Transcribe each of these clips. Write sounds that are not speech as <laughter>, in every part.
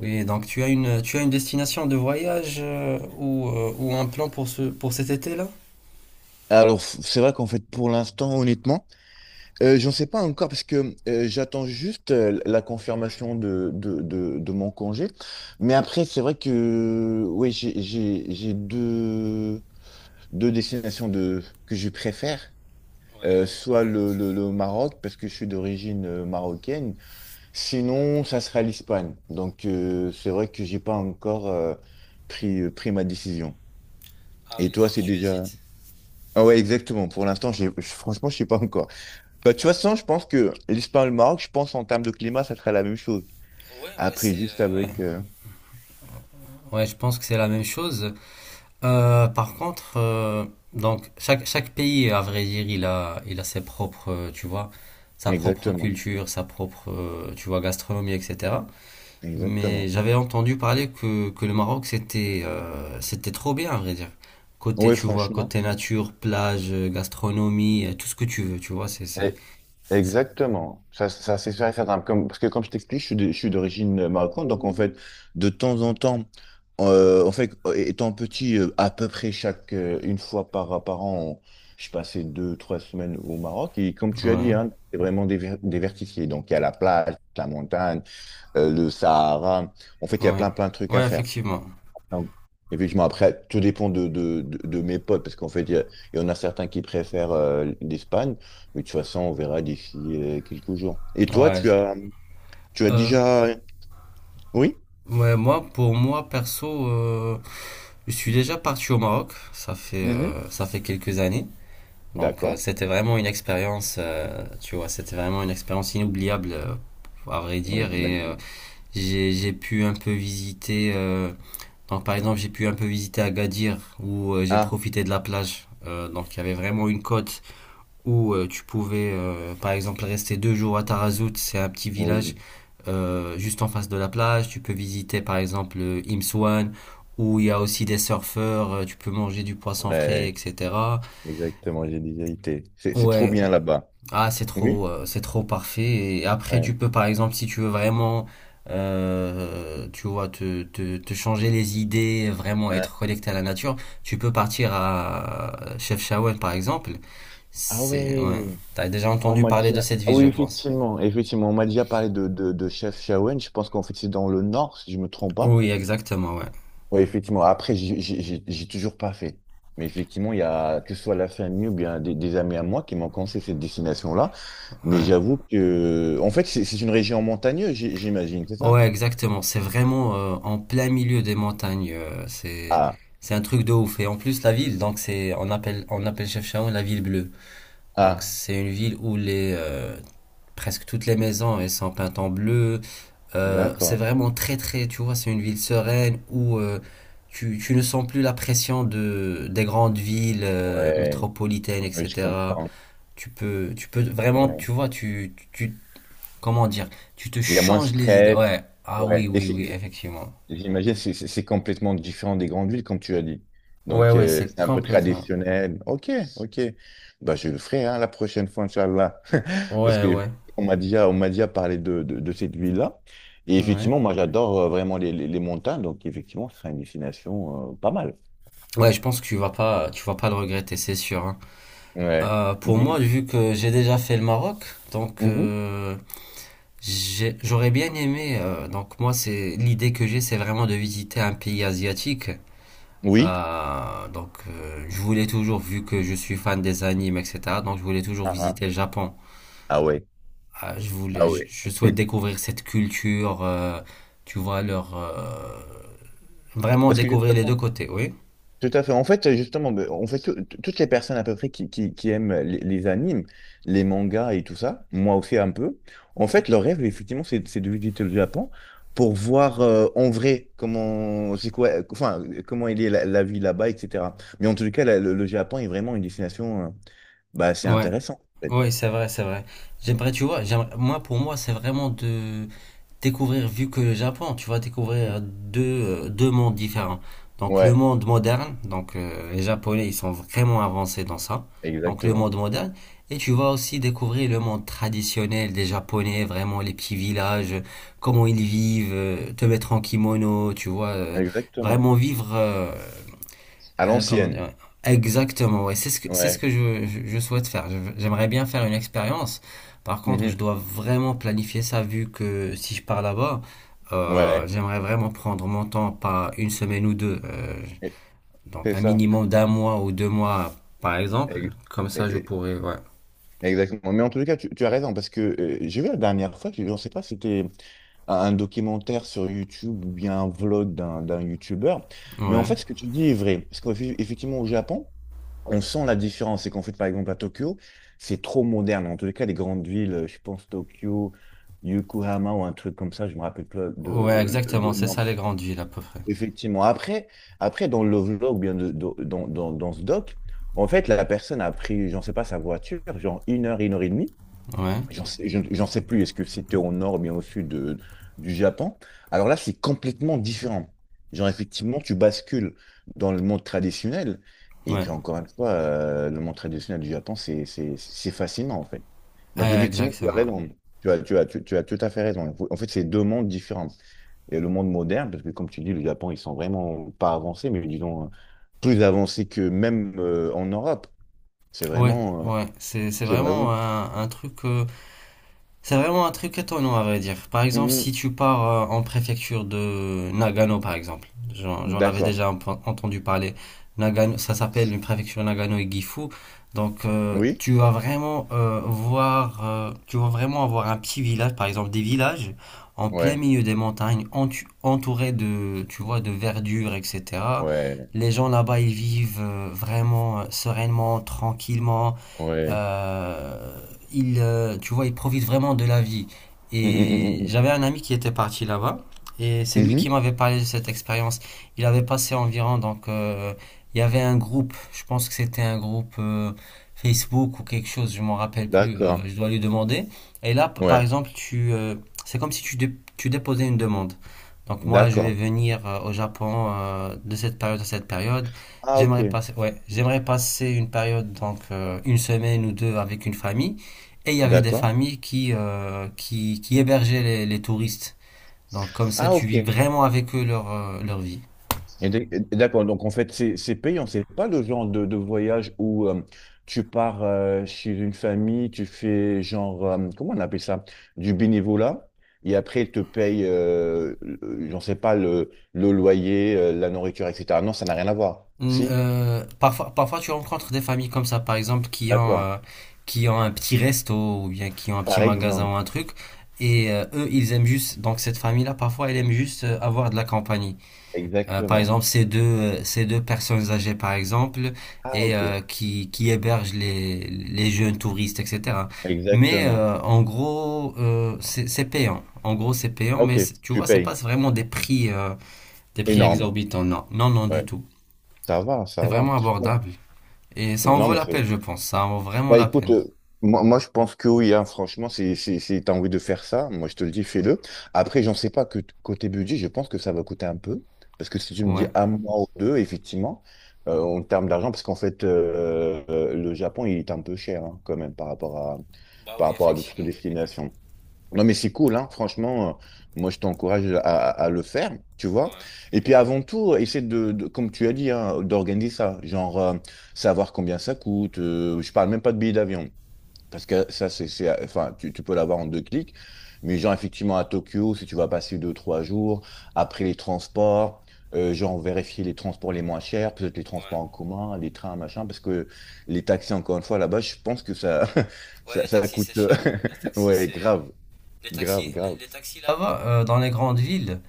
Oui, donc tu as une destination de voyage ou un plan pour ce, pour cet été-là? Alors, c'est vrai qu'en fait, pour l'instant, honnêtement, j'en sais pas encore parce que j'attends juste la confirmation de mon congé. Mais après, c'est vrai que oui, j'ai deux, deux destinations de, que je préfère. Soit le Maroc, parce que je suis d'origine marocaine. Sinon, ça sera l'Espagne. Donc, c'est vrai que j'ai pas encore pris, pris ma décision. Et toi, c'est déjà... Ah ouais, exactement. Pour l'instant, franchement, je sais pas encore. Bah, tu vois, toute façon, je pense que l'Espagne et le Maroc, je pense en termes de climat, ça serait la même chose. Après, juste avec... Ouais, je pense que c'est la même chose. Par contre, donc chaque, chaque pays, à vrai dire, il a ses propres, tu vois, sa propre exactement, culture, sa propre, tu vois, gastronomie, etc. Mais exactement. j'avais entendu parler que le Maroc, c'était c'était trop bien, à vrai dire. Côté, Oui, tu vois, franchement. côté nature, plage, gastronomie, tout ce que tu veux, tu vois, c'est... Eh, exactement. Ça, c'est sûr et certain. Comme, parce que comme je t'explique, je suis d'origine marocaine. Donc, en fait, de temps en temps, en fait, étant petit, à peu près chaque... une fois par, par an, je passais deux, trois semaines au Maroc. Et comme tu as dit, Ouais. hein, c'est vraiment diversifié. Donc, il y a la plage, la montagne. Le Sahara. En fait, il y a Ouais, plein, plein de trucs à ouais, faire. effectivement. Donc, effectivement, après, tout dépend de mes potes, parce qu'en fait, il y en a certains qui préfèrent l'Espagne, mais de toute façon, on verra d'ici quelques jours. Et toi, Ouais. Tu as Euh, déjà... Oui? ouais, moi, pour moi, perso, je suis déjà parti au Maroc. Mhm. Ça fait quelques années. Donc, D'accord. c'était vraiment une expérience, tu vois, c'était vraiment une expérience inoubliable, à vrai Oui, dire. Et j'imagine. J'ai pu un peu visiter. Donc, par exemple, j'ai pu un peu visiter Agadir, où j'ai Ah, profité de la plage. Donc, il y avait vraiment une côte où tu pouvais, par exemple, rester deux jours à Tarazout. C'est un petit village oui. Juste en face de la plage. Tu peux visiter par exemple le Imswan où il y a aussi des surfeurs, tu peux manger du poisson frais, Ouais, etc. exactement, j'ai déjà été. C'est trop Ouais, bien là-bas. ah Oui? C'est trop parfait. Et après tu Ouais. peux par exemple si tu veux vraiment, tu vois, te changer les idées, vraiment Hein. être connecté à la nature, tu peux partir à Chefchaouen par exemple. Ah C'est, ouais. ouais, t'as déjà On entendu m'a parler de déjà... cette Ah ville oui, je pense. effectivement, effectivement, on m'a déjà parlé de Chef Shawen. Je pense qu'en fait, c'est dans le nord, si je me trompe pas. Oui exactement, ouais. Oui, effectivement. Après, j'ai toujours pas fait. Mais effectivement, il y a, que ce soit la famille ou bien des amis à moi qui m'ont conseillé cette destination-là. Mais Ouais. j'avoue que, en fait, c'est une région montagneuse, j'imagine, c'est ça? Ouais, exactement. C'est vraiment en plein milieu des montagnes. Ah, C'est un truc de ouf. Et en plus la ville, donc c'est on appelle Chefchaouen la ville bleue. Donc ah, c'est une ville où les presque toutes les maisons elles sont peintes en bleu. C'est d'accord. vraiment très très. Tu vois, c'est une ville sereine où tu ne sens plus la pression de des grandes villes Ouais, métropolitaines, oui, je etc. comprends. Tu peux vraiment Ouais. tu vois tu comment dire? Tu te Il y a moins de changes les idées. stress. Ouais. Ah oui, Ouais. Et oui, oui, c'est effectivement. J'imagine, c'est complètement différent des grandes villes, comme tu as dit. Ouais, Donc, ouais, c'est c'est un peu complètement. traditionnel. Ok, ok. Bah, je le ferai hein, la prochaine fois, Inch'Allah. <laughs> Parce Ouais, que ouais. On m'a déjà parlé de cette ville-là. Et Ouais. effectivement, moi, j'adore vraiment les montagnes. Donc, effectivement, ce sera une destination pas mal. Ouais, je pense que tu vas pas le regretter, c'est sûr, hein. Ouais. Pour moi, Mais- vu que j'ai déjà fait le Maroc, donc Mhm. J'aurais bien aimé. Donc moi, c'est l'idée que j'ai, c'est vraiment de visiter un pays asiatique. Oui. Donc je voulais toujours, vu que je suis fan des animes, etc. Donc je voulais toujours Ah, ah. visiter le Japon. Ah ouais. Ah, je Ah voulais, je ouais. je souhaite <laughs> découvrir cette culture, tu vois, leur, vraiment Parce que découvrir les deux justement, côtés, oui. tout à fait. En fait, justement, ben, en fait, toutes les personnes à peu près qui aiment les animes, les mangas et tout ça, moi aussi un peu, en fait, leur rêve, effectivement, c'est de visiter le Japon pour voir en vrai comment c'est quoi, enfin, comment il est la, la vie là-bas, etc. Mais en tout cas, le Japon est vraiment une destination, bah, c'est Ouais, intéressant. En fait. ouais, c'est vrai, c'est vrai. J'aimerais, tu vois, moi, pour moi, c'est vraiment de, découvrir, vu que le Japon, tu vas Mm. découvrir deux, deux mondes différents. Donc le Ouais, monde moderne, donc les Japonais, ils sont vraiment avancés dans ça. Donc le exactement. monde moderne, et tu vas aussi découvrir le monde traditionnel des Japonais, vraiment les petits villages, comment ils vivent, te mettre en kimono, tu vois, Exactement. vraiment vivre À comment dire? l'ancienne. Ouais. Exactement, ouais. C'est ce Ouais. que je souhaite faire. Je J'aimerais bien faire une expérience. Par contre, je Mhm. dois vraiment planifier ça vu que si je pars là-bas, Ouais. J'aimerais vraiment prendre mon temps, pas une semaine ou deux. Et- Donc C'est un ça. minimum d'un mois ou deux mois, par exemple. Et- Comme ça, je et- pourrais, ouais. Exactement. Mais en tous les cas, tu as raison, parce que j'ai vu la dernière fois, je ne sais pas si c'était un documentaire sur YouTube ou bien un vlog d'un YouTuber, mais en Ouais. fait, ce que tu dis est vrai. Parce qu'effectivement, au Japon, on sent la différence. C'est qu'en fait, par exemple, à Tokyo, c'est trop moderne. En tous les cas, les grandes villes, je pense Tokyo, Yokohama ou un truc comme ça, je me rappelle pas de, Ouais, exactement. le C'est nom. ça les grandes villes à peu près. Effectivement. Après, après, dans le vlog, ou bien de- dans ce doc, en fait, la personne a pris, j'en sais pas, sa voiture, genre une heure et demie. Ouais. J'en sais, j'en sais plus, est-ce que c'était au nord ou bien au sud de- du Japon? Alors là, c'est complètement différent. Genre, effectivement, tu bascules dans le monde traditionnel. Et Ouais. puis, encore une fois, le monde traditionnel du Japon, c'est fascinant, en fait. Donc, effectivement, tu as Exactement. raison. Tu as tout à fait raison. En fait, c'est deux mondes différents. Et le monde moderne, parce que, comme tu dis, le Japon, ils sont vraiment pas avancés, mais disons, plus avancés que même en Europe. C'est Ouais. vraiment... euh, Ouais. C'est c'est vraiment... vraiment un truc. C'est vraiment un truc étonnant à vrai dire. Par exemple, Mhm. si tu pars en préfecture de Nagano, par exemple, j'en avais D'accord. déjà un peu entendu parler. Nagano, ça s'appelle une préfecture Nagano et Gifu. Donc, Oui? tu vas vraiment voir, tu vas vraiment avoir un petit village, par exemple des villages en plein Ouais, milieu des montagnes, entourés de, tu vois, de verdure, etc. ouais, Les gens là-bas, ils vivent vraiment sereinement, tranquillement. ouais. Euh, il, tu vois, il profite vraiment de la vie. Mm, Et mm, mm, j'avais un ami qui était parti là-bas, et mm, c'est mm. lui qui Mhm. m'avait parlé de cette expérience. Il avait passé environ, donc, il y avait un groupe, je pense que c'était un groupe Facebook ou quelque chose, je m'en rappelle plus, D'accord. je dois lui demander. Et là, par Ouais, exemple, tu, c'est comme si tu, tu déposais une demande. Donc moi, je vais d'accord. venir au Japon de cette période à cette période. Ah, ok. J'aimerais passer, ouais, j'aimerais passer une période, donc une semaine ou deux avec une famille. Et il y avait des D'accord. familles qui hébergeaient les touristes. Donc comme ça, Ah, tu ok. vis Et vraiment avec eux leur, leur vie. Et d'accord. Donc, en fait, c'est payant. C'est pas le genre de voyage où tu pars chez une famille, tu fais genre, comment on appelle ça? Du bénévolat. Et après, ils te payent, j'en sais pas, le loyer, la nourriture, etc. Non, ça n'a rien à voir. Si? Parfois, parfois, tu rencontres des familles comme ça, par exemple, D'accord. Qui ont un petit resto ou bien qui ont un petit Par magasin exemple. ou un truc. Et eux, ils aiment juste, donc cette famille-là, parfois, elle aime juste avoir de la compagnie. Par Exactement. exemple, ces deux personnes âgées, par exemple, Ah, et ok. Qui hébergent les jeunes touristes, etc. Mais Exactement. En gros, c'est payant. En gros, c'est payant, mais Ok, c'est- tu tu vois, c'est pas payes. vraiment des prix Énorme. exorbitants. Non, non, non, du Ouais. tout. Ça va, C'est ça va. vraiment abordable. Et ça en Non, vaut mais la c'est. peine, je pense. Ça en vaut vraiment Bah la écoute, peine. Moi, moi je pense que oui, hein, franchement, si tu as envie de faire ça, moi je te le dis, fais-le. Après, j'en sais pas que côté budget, je pense que ça va coûter un peu. Parce que si tu me dis Ouais. un mois ou deux, effectivement, en termes d'argent, parce qu'en fait, le Japon, il est un peu cher hein, quand même par rapport à d'autres destinations. Non, mais c'est cool, hein. Franchement, moi, je t'encourage à le faire, tu vois. Et puis, avant tout, comme tu as dit, hein, d'organiser ça. Genre, savoir combien ça coûte. Je parle même pas de billets d'avion. Parce que ça, enfin, tu peux l'avoir en deux clics. Mais genre, effectivement, à Tokyo, si tu vas passer deux, trois jours, après les transports, genre, vérifier les transports les moins chers, peut-être les transports en commun, les trains, machin, parce que les taxis, encore une fois, là-bas, je pense que ça, <laughs> ça coûte, <laughs> ouais, grave. Grave, grave. Les taxis là-bas, dans les grandes villes,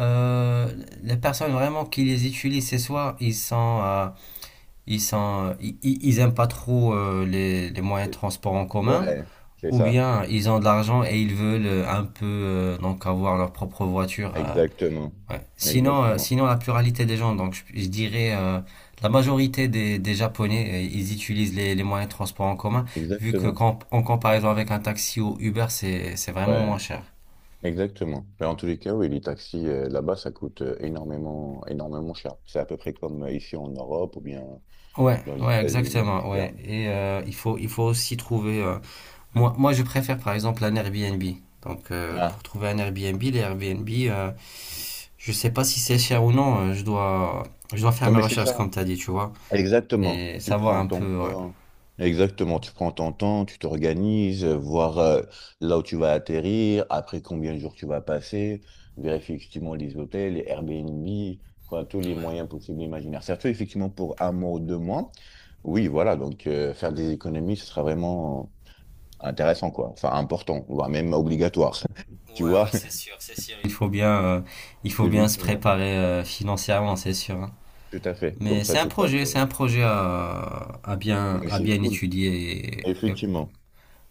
euh, les personnes vraiment qui les utilisent, c'est soit ils sont ils sont, ils aiment pas trop les moyens de Et- transport en commun, Ouais, c'est ou ça. bien ils ont de l'argent et ils veulent un peu donc avoir leur propre voiture. Exactement. Ouais. Sinon, Exactement. sinon la pluralité des gens, donc je dirais la majorité des Japonais, ils utilisent les moyens de transport en commun, vu que Exactement. quand, en comparaison avec un taxi ou Uber, c'est vraiment Ouais, moins cher. exactement. Mais en tous les cas, oui, les taxis là-bas, ça coûte énormément, énormément cher. C'est à peu près comme ici en Europe ou bien Ouais, dans les ouais, États-Unis, exactement, etc. ouais. Et il faut aussi trouver moi, moi, je préfère par exemple un Airbnb. Donc, Ah. pour trouver un Airbnb, les Airbnb, je sais pas si c'est cher ou non. Je dois, je dois faire Non, mes mais c'est ça. recherches comme tu as dit, tu vois, Exactement. et Tu savoir prends un ton peu. Ouais. temps. Exactement. Tu prends ton temps, tu t'organises, voir là où tu vas atterrir, après combien de jours tu vas passer, vérifier effectivement les hôtels, les Airbnb, enfin, tous les moyens possibles et imaginaires. Surtout effectivement pour un mois ou deux mois. Oui, voilà. Donc faire des économies, ce sera vraiment intéressant, quoi. Enfin, important, voire même obligatoire. <laughs> Ouais, ouais, Tu vois? ouais, c'est sûr, c'est sûr. Il <laughs> faut bien se Effectivement. préparer financièrement, c'est sûr, hein. Tout à fait. Comme Mais ça, tu passes. C'est un projet Mais à c'est bien cool. étudier. Effectivement.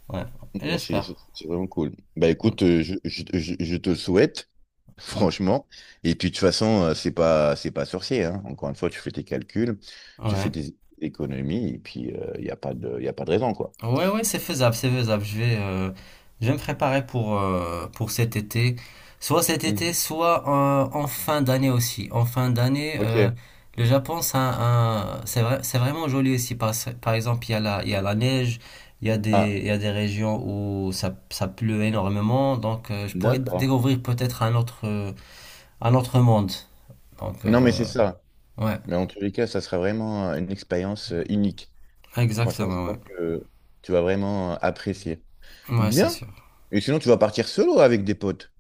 Ouais, Mais j'espère. C'est vraiment cool. Bah Mm, écoute, je te le souhaite, <laughs> mm, franchement. Et puis de toute façon, c'est pas sorcier, hein. Encore une fois, tu fais tes calculs, tu fais Ouais. des économies, et puis il n'y a pas de, y a pas de raison, quoi. Ouais, ouais, c'est faisable, c'est faisable. Je vais me préparer pour cet été. Soit cet été, Mhm. soit en fin d'année aussi. En fin d'année, Ok. le Japon, c'est un, c'est vrai, c'est vraiment joli aussi. Par, par exemple, il y a la, il y a la neige, il y a des, Ah, il y a des régions où ça pleut énormément. Donc, je pourrais d'accord. découvrir peut-être un autre monde. Donc, Non, mais c'est ça. ouais, Mais en tous les cas, ça sera vraiment une expérience unique. Franchement, je exactement, pense ouais. que tu vas vraiment apprécier. Ouais, c'est Bien. sûr. Et sinon, tu vas partir solo avec des potes?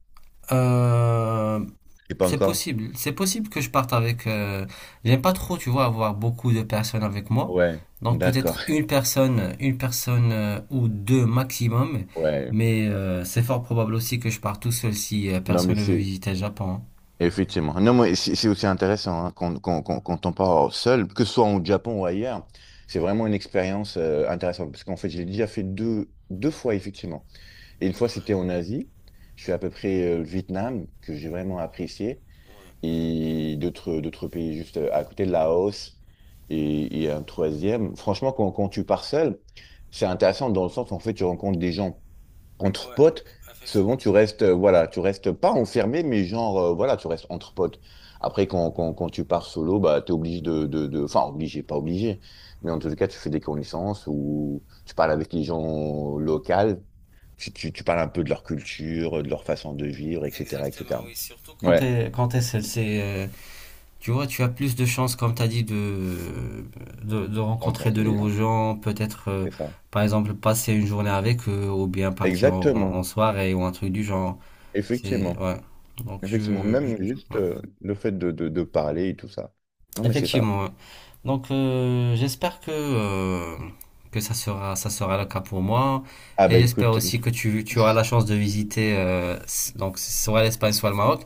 Euh, Et pas encore. C'est possible que je parte avec. J'aime pas trop, tu vois, avoir beaucoup de personnes avec moi. Ouais. Donc D'accord. peut-être une personne ou deux maximum. <laughs> Ouais. Mais c'est fort probable aussi que je parte tout seul si Non, mais personne ne veut c'est visiter le Japon, hein. Effectivement. Non, mais c'est aussi intéressant hein, quand on part seul, que ce soit au Japon ou ailleurs, c'est vraiment une expérience intéressante. Parce qu'en fait, j'ai déjà fait deux, deux fois, effectivement. Et une fois, c'était en Asie. Je suis à peu près le Vietnam, que j'ai vraiment apprécié. Et d'autres, d'autres pays juste à côté, Laos. Et un troisième. Franchement, quand tu pars seul, c'est intéressant dans le sens où en fait, tu rencontres des gens entre potes, souvent tu restes, voilà, tu restes pas enfermé, mais genre, voilà, tu restes entre potes. Après, quand tu pars solo, bah, t'es obligé de, enfin, obligé, pas obligé, mais en tout cas, tu fais des connaissances ou tu parles avec les gens locaux, tu parles un peu de leur culture, de leur façon de vivre, etc., Exactement, etc. oui, surtout quand... Ouais, quand t'es seul, c'est, tu vois, tu as plus de chances, comme t'as dit, de rencontrer rencontrer de des nouveaux gens, gens, peut-être, c'est ça. par exemple, passer une journée avec eux, ou bien partir en, en Exactement, en soirée, ou un truc du genre. C'est effectivement, ouais. Donc effectivement, je, même juste ouais. Le fait de parler et tout ça. Non, mais c'est ça. Effectivement. Ouais. Donc j'espère que ça sera le cas pour moi Ah, et bah j'espère écoute, aussi que tu auras la chance de visiter donc soit l'Espagne soit le Maroc.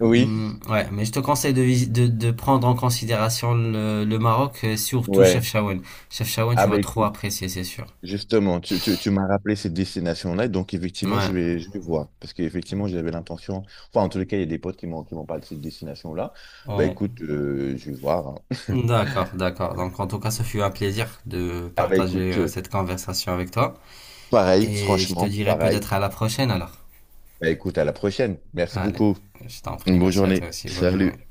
oui, Ouais, mais je te conseille de, de prendre en considération le Maroc et surtout ouais. Chefchaouen. Chefchaouen, Ah tu vas bah trop écoute, apprécier, c'est sûr. justement, tu m'as rappelé cette destination-là, donc effectivement, Ouais. Je vais voir, parce qu'effectivement, j'avais l'intention, enfin, en tous les cas, il y a des potes qui m'ont parlé de cette destination-là, bah Ouais. écoute, je vais voir. Hein. D'accord, d'accord. Donc en tout cas, ce fut un plaisir de Ah bah partager écoute, cette conversation avec toi. pareil, Et je te franchement, dirai pareil, peut-être à la prochaine alors. bah écoute, à la prochaine, merci Allez, beaucoup, je t'en prie, une bonne merci à toi journée, aussi. Bonne journée. salut.